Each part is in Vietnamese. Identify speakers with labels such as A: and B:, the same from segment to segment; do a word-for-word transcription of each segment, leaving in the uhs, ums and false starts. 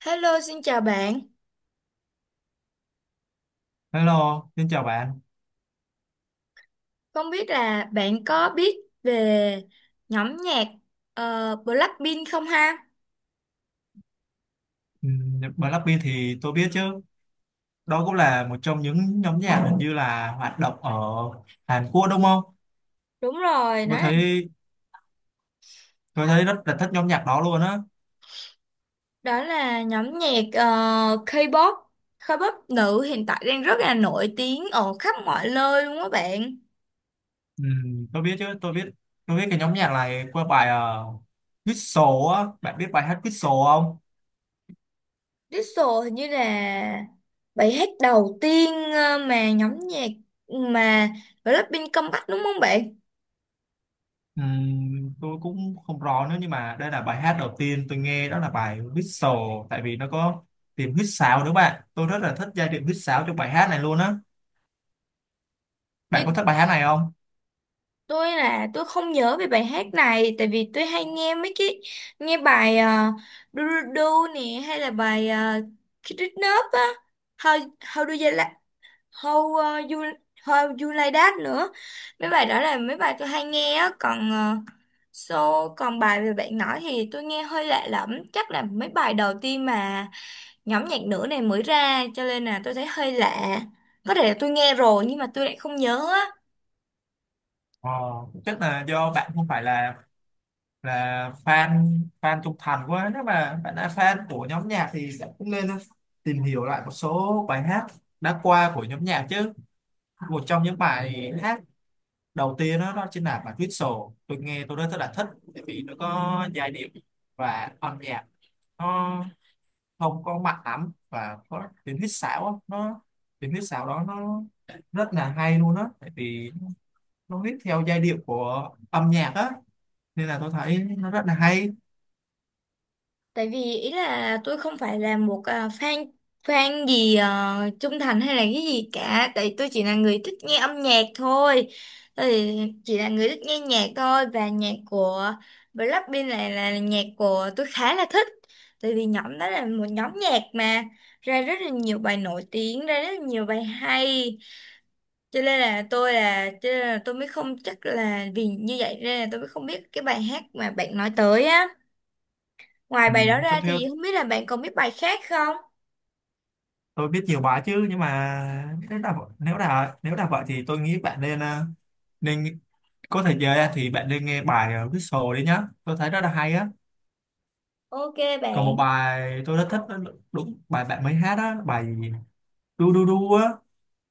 A: Hello, xin chào bạn.
B: Hello, xin chào bạn.
A: Không biết là bạn có biết về nhóm nhạc ờ, Blackpink không ha?
B: Ừm, Blackpink thì tôi biết chứ. Đó cũng là một trong những nhóm nhạc hình như là hoạt động ở Hàn Quốc đúng không?
A: Đúng rồi, đó
B: Tôi
A: là,
B: thấy tôi thấy rất là thích nhóm nhạc đó luôn á.
A: đó là nhóm nhạc ờ, K-pop, K-pop nữ hiện tại đang rất là nổi tiếng ở khắp mọi nơi luôn á bạn.
B: Ừm, tôi biết chứ, tôi biết tôi biết cái nhóm nhạc này qua bài uh, Whistle á. Bạn biết bài hát Whistle không?
A: Diesel hình như là bài hát đầu tiên ờ, mà nhóm nhạc mà Blackpink comeback đúng không bạn?
B: Ừm, tôi cũng không rõ nữa, nhưng mà đây là bài hát đầu tiên tôi nghe, đó là bài Whistle, tại vì nó có tiếng huýt sáo nữa bạn. Tôi rất là thích giai điệu huýt sáo trong bài hát này luôn á. Bạn có
A: Giai
B: thích bài hát này không?
A: tôi là tôi không nhớ về bài hát này tại vì tôi hay nghe mấy cái nghe bài uh, do do Do nè hay là bài uh, Kid Nup á, how how do you like, how uh, you how you like that nữa. Mấy bài đó là mấy bài tôi hay nghe á, còn ờ, so còn bài về bạn nói thì tôi nghe hơi lạ lẫm, chắc là mấy bài đầu tiên mà nhóm nhạc nữ này mới ra cho nên là tôi thấy hơi lạ, có thể là tôi nghe rồi nhưng mà tôi lại không nhớ á.
B: Ờ, Chắc là do bạn không phải là là fan fan trung thành quá. Nếu mà bạn là fan của nhóm nhạc thì bạn cũng nên tìm hiểu lại một số bài hát đã qua của nhóm nhạc chứ. Một trong những bài hát đầu tiên đó, đó chính là bài Whistle, tôi nghe tôi rất là thích bởi vì nó có giai điệu và âm nhạc, nó không có mạnh lắm và có tiếng huýt sáo á, nó tiếng huýt sáo đó nó rất là hay luôn á, tại vì nó viết theo giai điệu của âm nhạc á, nên là tôi thấy nó rất là hay.
A: Tại vì ý là tôi không phải là một à, fan fan gì ờ, trung thành hay là cái gì cả, tại tôi chỉ là người thích nghe âm nhạc thôi. Tôi thì chỉ là người thích nghe nhạc thôi và nhạc của Blackpink này là nhạc của tôi khá là thích. Tại vì nhóm đó là một nhóm nhạc mà ra rất là nhiều bài nổi tiếng, ra rất là nhiều bài hay. Cho nên là tôi là, cho nên là tôi mới không chắc là vì như vậy nên là tôi mới không biết cái bài hát mà bạn nói tới á. Ngoài
B: ừ.
A: bài đó
B: tôi,
A: ra
B: theo
A: thì không biết là bạn còn biết bài khác không?
B: tôi biết nhiều bài chứ, nhưng mà nếu là nếu là nếu là vậy thì tôi nghĩ bạn nên ờ, nên có thể giờ thì bạn nên nghe bài ờ, Whistle đi nhá, tôi thấy rất là hay á.
A: Ok
B: Còn một
A: bạn.
B: bài tôi rất thích đó, đúng bài bạn mới hát á, bài gì? Du du du á,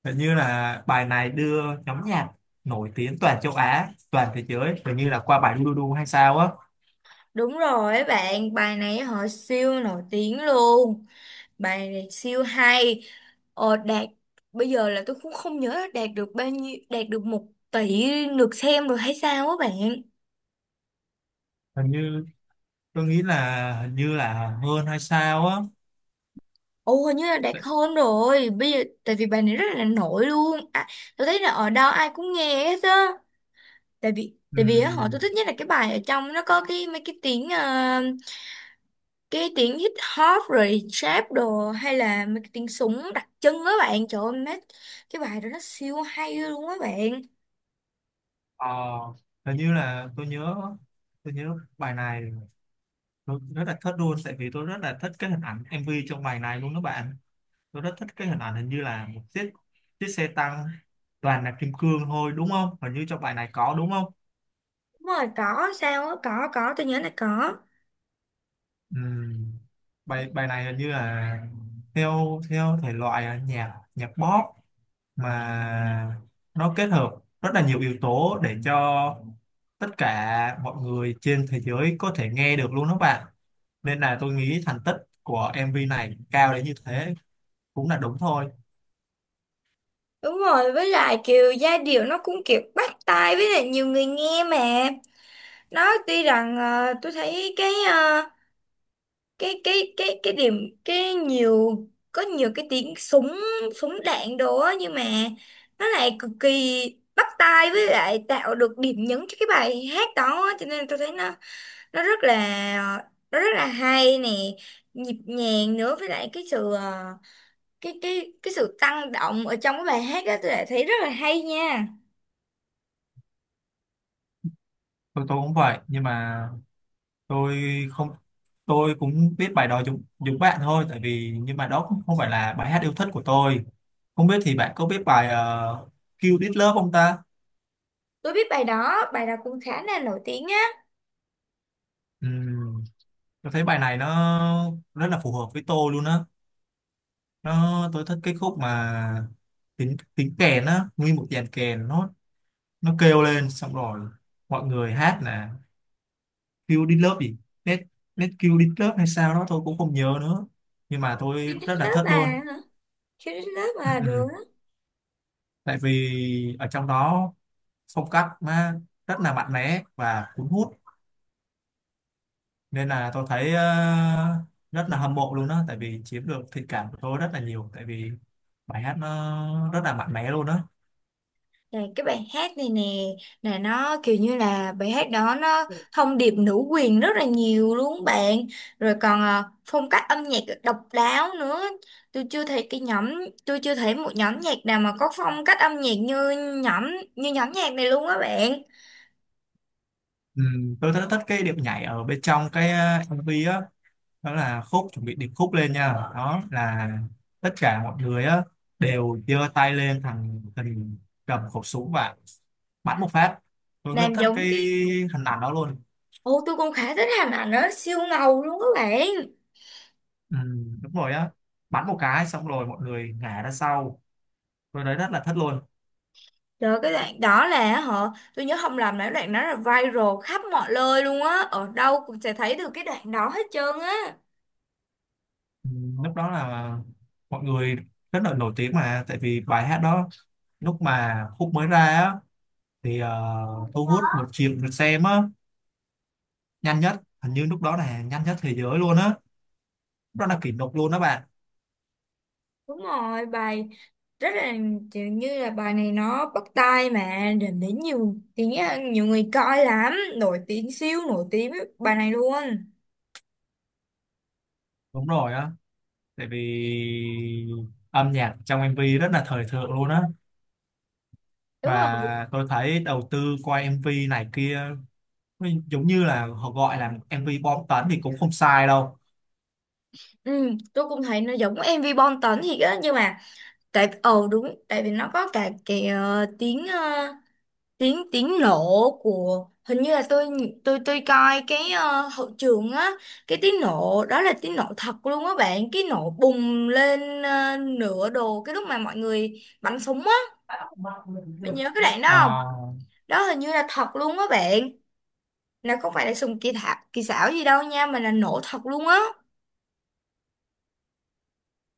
B: hình như là bài này đưa nhóm nhạc nổi tiếng toàn châu Á, toàn thế giới, hình như là qua bài du du du hay sao á.
A: Đúng rồi ấy bạn, bài này họ siêu nổi tiếng luôn. Bài này siêu hay. Ờ, đạt bây giờ là tôi cũng không nhớ là đạt được bao nhiêu, đạt được một tỷ lượt xem rồi hay sao á bạn.
B: Hình như tôi nghĩ là hình như là hơn hay sao á.
A: Ồ hình như là đạt hơn rồi. Bây giờ tại vì bài này rất là nổi luôn. À, tôi thấy là ở đâu ai cũng nghe hết á. Tại vì
B: Ừ.
A: tại vì á, họ tôi thích nhất là cái bài ở trong nó có cái mấy cái tiếng ờ, cái tiếng hip hop rồi trap đồ hay là mấy cái tiếng súng đặc trưng á bạn, trời ơi mấy cái bài đó nó siêu hay luôn á bạn.
B: Ờ, Hình như là tôi nhớ tôi nhớ bài này tôi rất là thích luôn, tại vì tôi rất là thích cái hình ảnh em vê trong bài này luôn các bạn. Tôi rất thích cái hình ảnh, hình như là một chiếc chiếc xe tăng toàn là kim cương thôi đúng không, hình như trong bài này có đúng không?
A: Đúng rồi có sao á, có có tôi nhớ là có.
B: Ừm, bài bài này hình như là theo theo thể loại là nhạc nhạc pop, mà nó kết hợp rất là nhiều yếu tố để cho tất cả mọi người trên thế giới có thể nghe được luôn đó bạn, nên là tôi nghĩ thành tích của em vê này cao đến như thế cũng là đúng thôi.
A: Đúng rồi, với lại kiểu giai điệu nó cũng kiểu bắt tai với lại nhiều người nghe mà, nó tuy rằng ờ, tôi thấy cái ờ, cái cái cái cái điểm cái nhiều có nhiều cái tiếng súng súng đạn đồ á nhưng mà nó lại cực kỳ bắt tai với lại tạo được điểm nhấn cho cái bài hát đó á. Cho nên tôi thấy nó nó rất là nó rất là hay nè, nhịp nhàng nữa, với lại cái sự ờ, cái cái cái sự tăng động ở trong cái bài hát đó tôi lại thấy rất là hay nha.
B: Tôi tôi cũng vậy, nhưng mà tôi không, tôi cũng biết bài đó giống giống bạn thôi, tại vì nhưng mà đó cũng không phải là bài hát yêu thích của tôi. Không biết thì bạn có biết bài uh, Kill This Love không ta?
A: Tôi biết bài đó, bài đó cũng khá là nổi tiếng á.
B: Ừm, tôi thấy bài này nó rất là phù hợp với tôi luôn á, nó tôi thích cái khúc mà tiếng tiếng kèn á, nguyên một dàn kèn nó nó kêu lên xong rồi mọi người hát nè. Q đít lớp gì, net net Q đít lớp hay sao đó tôi cũng không nhớ nữa, nhưng mà tôi
A: Khi
B: rất là
A: Love
B: thích
A: à?
B: luôn.
A: Hả? Khi Love
B: Ừ,
A: à,
B: ừ.
A: được.
B: Tại vì ở trong đó phong cách nó rất là mạnh mẽ và cuốn hút, nên là tôi thấy ờ, rất là hâm mộ luôn đó, tại vì chiếm được thiện cảm của tôi rất là nhiều, tại vì bài hát nó rất là mạnh mẽ luôn đó.
A: Là cái bài hát này nè, là nó kiểu như là bài hát đó nó thông điệp nữ quyền rất là nhiều luôn bạn, rồi còn à, phong cách âm nhạc độc đáo nữa. tôi chưa thấy cái nhóm tôi chưa thấy một nhóm nhạc nào mà có phong cách âm nhạc như nhóm như nhóm nhạc này luôn á bạn.
B: Ừ, tôi rất thích cái điệu nhảy ở bên trong cái ờ, em vê á. Đó là khúc chuẩn bị điệp khúc lên nha, đó là tất cả mọi người á đều giơ tay lên thằng hình, cầm khẩu súng và bắn một phát, tôi rất
A: Làm
B: thích
A: giống
B: cái
A: cái,
B: hình ảnh đó luôn.
A: ô tôi cũng khá thích, Hà ảnh nó siêu ngầu luôn các bạn.
B: Ừ, đúng rồi á, bắn một cái xong rồi mọi người ngã ra sau, tôi thấy rất là thích luôn.
A: Rồi cái đoạn đó là họ tôi nhớ không lầm là cái đoạn đó là viral khắp mọi nơi luôn á, ở đâu cũng sẽ thấy được cái đoạn đó hết trơn á.
B: Ừ, lúc đó là mọi người rất là nổi tiếng mà, tại vì bài hát đó lúc mà khúc mới ra á thì ờ, thu hút một triệu lượt xem á nhanh nhất, hình như lúc đó là nhanh nhất thế giới luôn á. Nó là kỷ lục luôn đó bạn.
A: Đúng rồi, bài rất là kiểu như là bài này nó bắt tai mà đến đến nhiều tiếng à, nhiều người coi lắm, nổi tiếng, siêu nổi tiếng với bài này luôn.
B: Đúng rồi á. Tại vì âm nhạc trong em vê rất là thời thượng luôn á.
A: Đúng rồi.
B: Và tôi thấy đầu tư qua em vê này kia, giống như là họ gọi là em vê bom tấn thì cũng không sai đâu.
A: Ừ, tôi cũng thấy nó giống em vê Bom Tấn thiệt á, nhưng mà tại ờ đúng tại vì nó có cả cái ờ, tiếng ờ, tiếng tiếng nổ của, hình như là tôi tôi tôi coi cái ờ, hậu trường á, cái tiếng nổ đó là tiếng nổ thật luôn á bạn, cái nổ bùng lên ờ, nửa đồ cái lúc mà mọi người bắn súng á, bạn nhớ cái đoạn đó không?
B: Ờ,
A: Đó hình như là thật luôn á bạn, là không phải là súng kỳ thạc kỳ xảo gì đâu nha mà là nổ thật luôn á.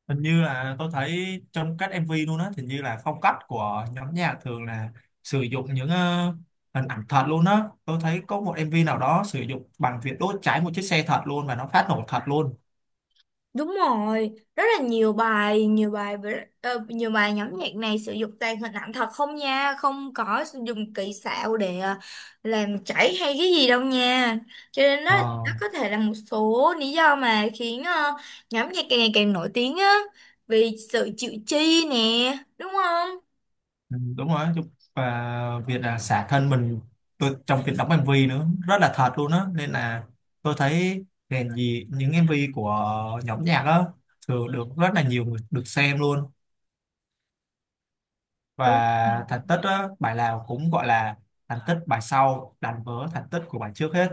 B: Hình như là tôi thấy trong các em vê luôn á, hình như là phong cách của nhóm nhạc thường là sử dụng những ờ, hình ảnh thật luôn á. Tôi thấy có một em vê nào đó sử dụng bằng việc đốt cháy một chiếc xe thật luôn, và nó phát nổ thật luôn.
A: Đúng rồi, rất là nhiều bài, nhiều bài với- ờ, nhiều bài nhóm nhạc này sử dụng toàn hình ảnh thật không nha, không có sử dụng kỹ xảo để ờ, làm chảy hay cái gì đâu nha. Cho nên đó,
B: Ờ.
A: đó có thể là một số lý do mà khiến ờ, nhóm nhạc càng ngày càng nổi tiếng á, vì sự chịu chi nè, đúng không?
B: Ừ, đúng rồi chứ, và việc là xả thân mình tôi, trong việc đóng em vê nữa rất là thật luôn á, nên là tôi thấy nền gì những em vê của nhóm nhạc á thường được rất là nhiều người được xem luôn,
A: Đúng.
B: và thành tích á bài nào cũng gọi là thành tích bài sau đánh vỡ thành tích của bài trước hết.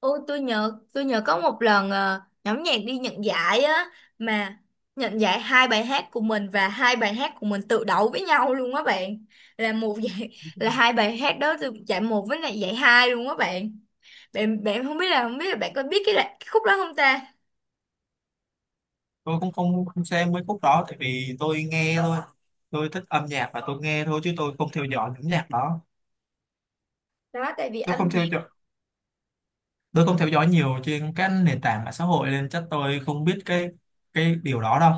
A: Ôi tôi nhớ tôi nhớ có một lần ờ, nhóm nhạc đi nhận giải á, mà nhận giải hai bài hát của mình và hai bài hát của mình tự đấu với nhau luôn á bạn, là một giải, là hai bài hát đó từ giải một với lại giải hai luôn á bạn. Bạn bạn không biết là không biết là bạn có biết cái, là- cái khúc đó không ta?
B: Tôi cũng không không xem mấy khúc đó, tại vì tôi nghe thôi, tôi thích âm nhạc và tôi nghe thôi chứ tôi không theo dõi nhóm nhạc đó.
A: Đó tại vì
B: tôi
A: âm
B: không
A: nhạc
B: theo dõi tôi không theo dõi nhiều trên các nền tảng mạng xã hội, nên chắc tôi không biết cái cái điều đó đâu.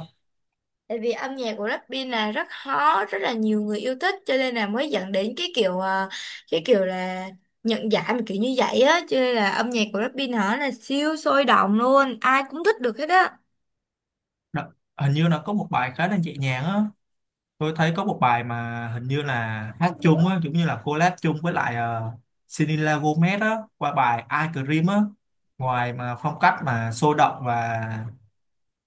A: Tại vì âm nhạc của Blackpink là rất hot, rất là nhiều người yêu thích cho nên là mới dẫn đến cái kiểu à, cái kiểu là nhận giải mà kiểu như vậy á, cho nên là âm nhạc của Blackpink hả là siêu sôi động luôn, ai cũng thích được hết á.
B: Đó, hình như nó có một bài khá là nhẹ nhàng á, tôi thấy có một bài mà hình như là hát chung á, giống như là collab chung với lại uh, Selena Gomez á, qua bài Ice Cream á. Ngoài mà phong cách mà sôi động và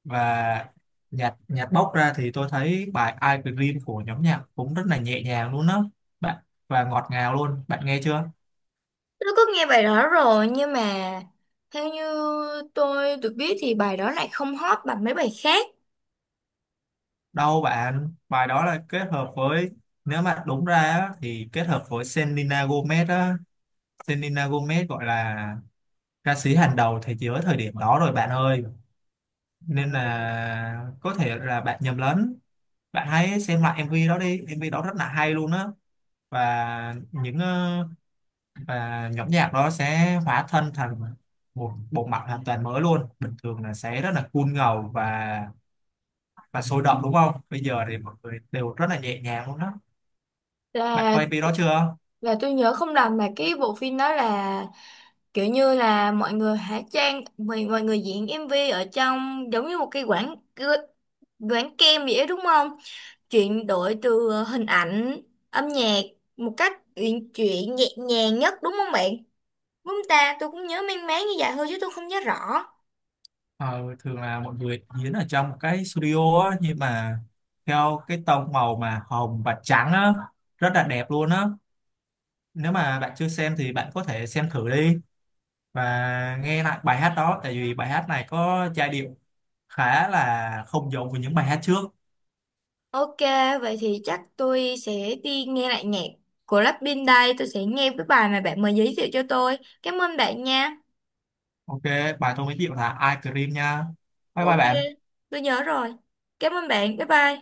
B: và nhạc nhạc bốc ra thì tôi thấy bài Ice Cream của nhóm nhạc cũng rất là nhẹ nhàng luôn á bạn, và ngọt ngào luôn, bạn nghe chưa?
A: Tôi có nghe bài đó rồi nhưng mà theo như tôi được biết thì bài đó lại không hot bằng mấy bài khác.
B: Đâu bạn, bài đó là kết hợp với, nếu mà đúng ra á, thì kết hợp với Selena Gomez á, Selena Gomez gọi là ca sĩ hàng đầu thế giới thời điểm đó rồi bạn ơi. Nên là có thể là bạn nhầm lẫn. Bạn hãy xem lại em vê đó đi, em vê đó rất là hay luôn á. Và những ờ, và nhóm nhạc đó sẽ hóa thân thành một bộ mặt hoàn toàn mới luôn. Bình thường là sẽ rất là cool ngầu và và sôi động đúng không? Bây giờ thì mọi người đều rất là nhẹ nhàng luôn đó. Bạn
A: Là
B: coi em vê đó chưa?
A: là tôi nhớ không lầm mà cái bộ phim đó là kiểu như là mọi người hóa trang mọi, mọi người diễn em vê ở trong giống như một cái quảng quảng kem vậy đó, đúng không, chuyển đổi từ ờ, hình ảnh âm nhạc một cách uyển chuyển nhẹ nhàng nhất đúng không bạn? Đúng không ta, tôi cũng nhớ mang máng như vậy thôi chứ tôi không nhớ rõ.
B: ờ, Thường là mọi người diễn ở trong một cái studio á, nhưng mà theo cái tông màu mà hồng và trắng á, rất là đẹp luôn á. Nếu mà bạn chưa xem thì bạn có thể xem thử đi và nghe lại bài hát đó, tại vì bài hát này có giai điệu khá là không giống với những bài hát trước.
A: Ok, vậy thì chắc tôi sẽ đi nghe lại nhạc của Blackpink đây, tôi sẽ nghe cái bài mà bạn mới giới thiệu cho tôi. Cảm ơn bạn nha.
B: Ok, bài tôi giới thiệu là I cream nha. Bye bye
A: Ok,
B: bạn.
A: tôi nhớ rồi, cảm ơn bạn, bye bye.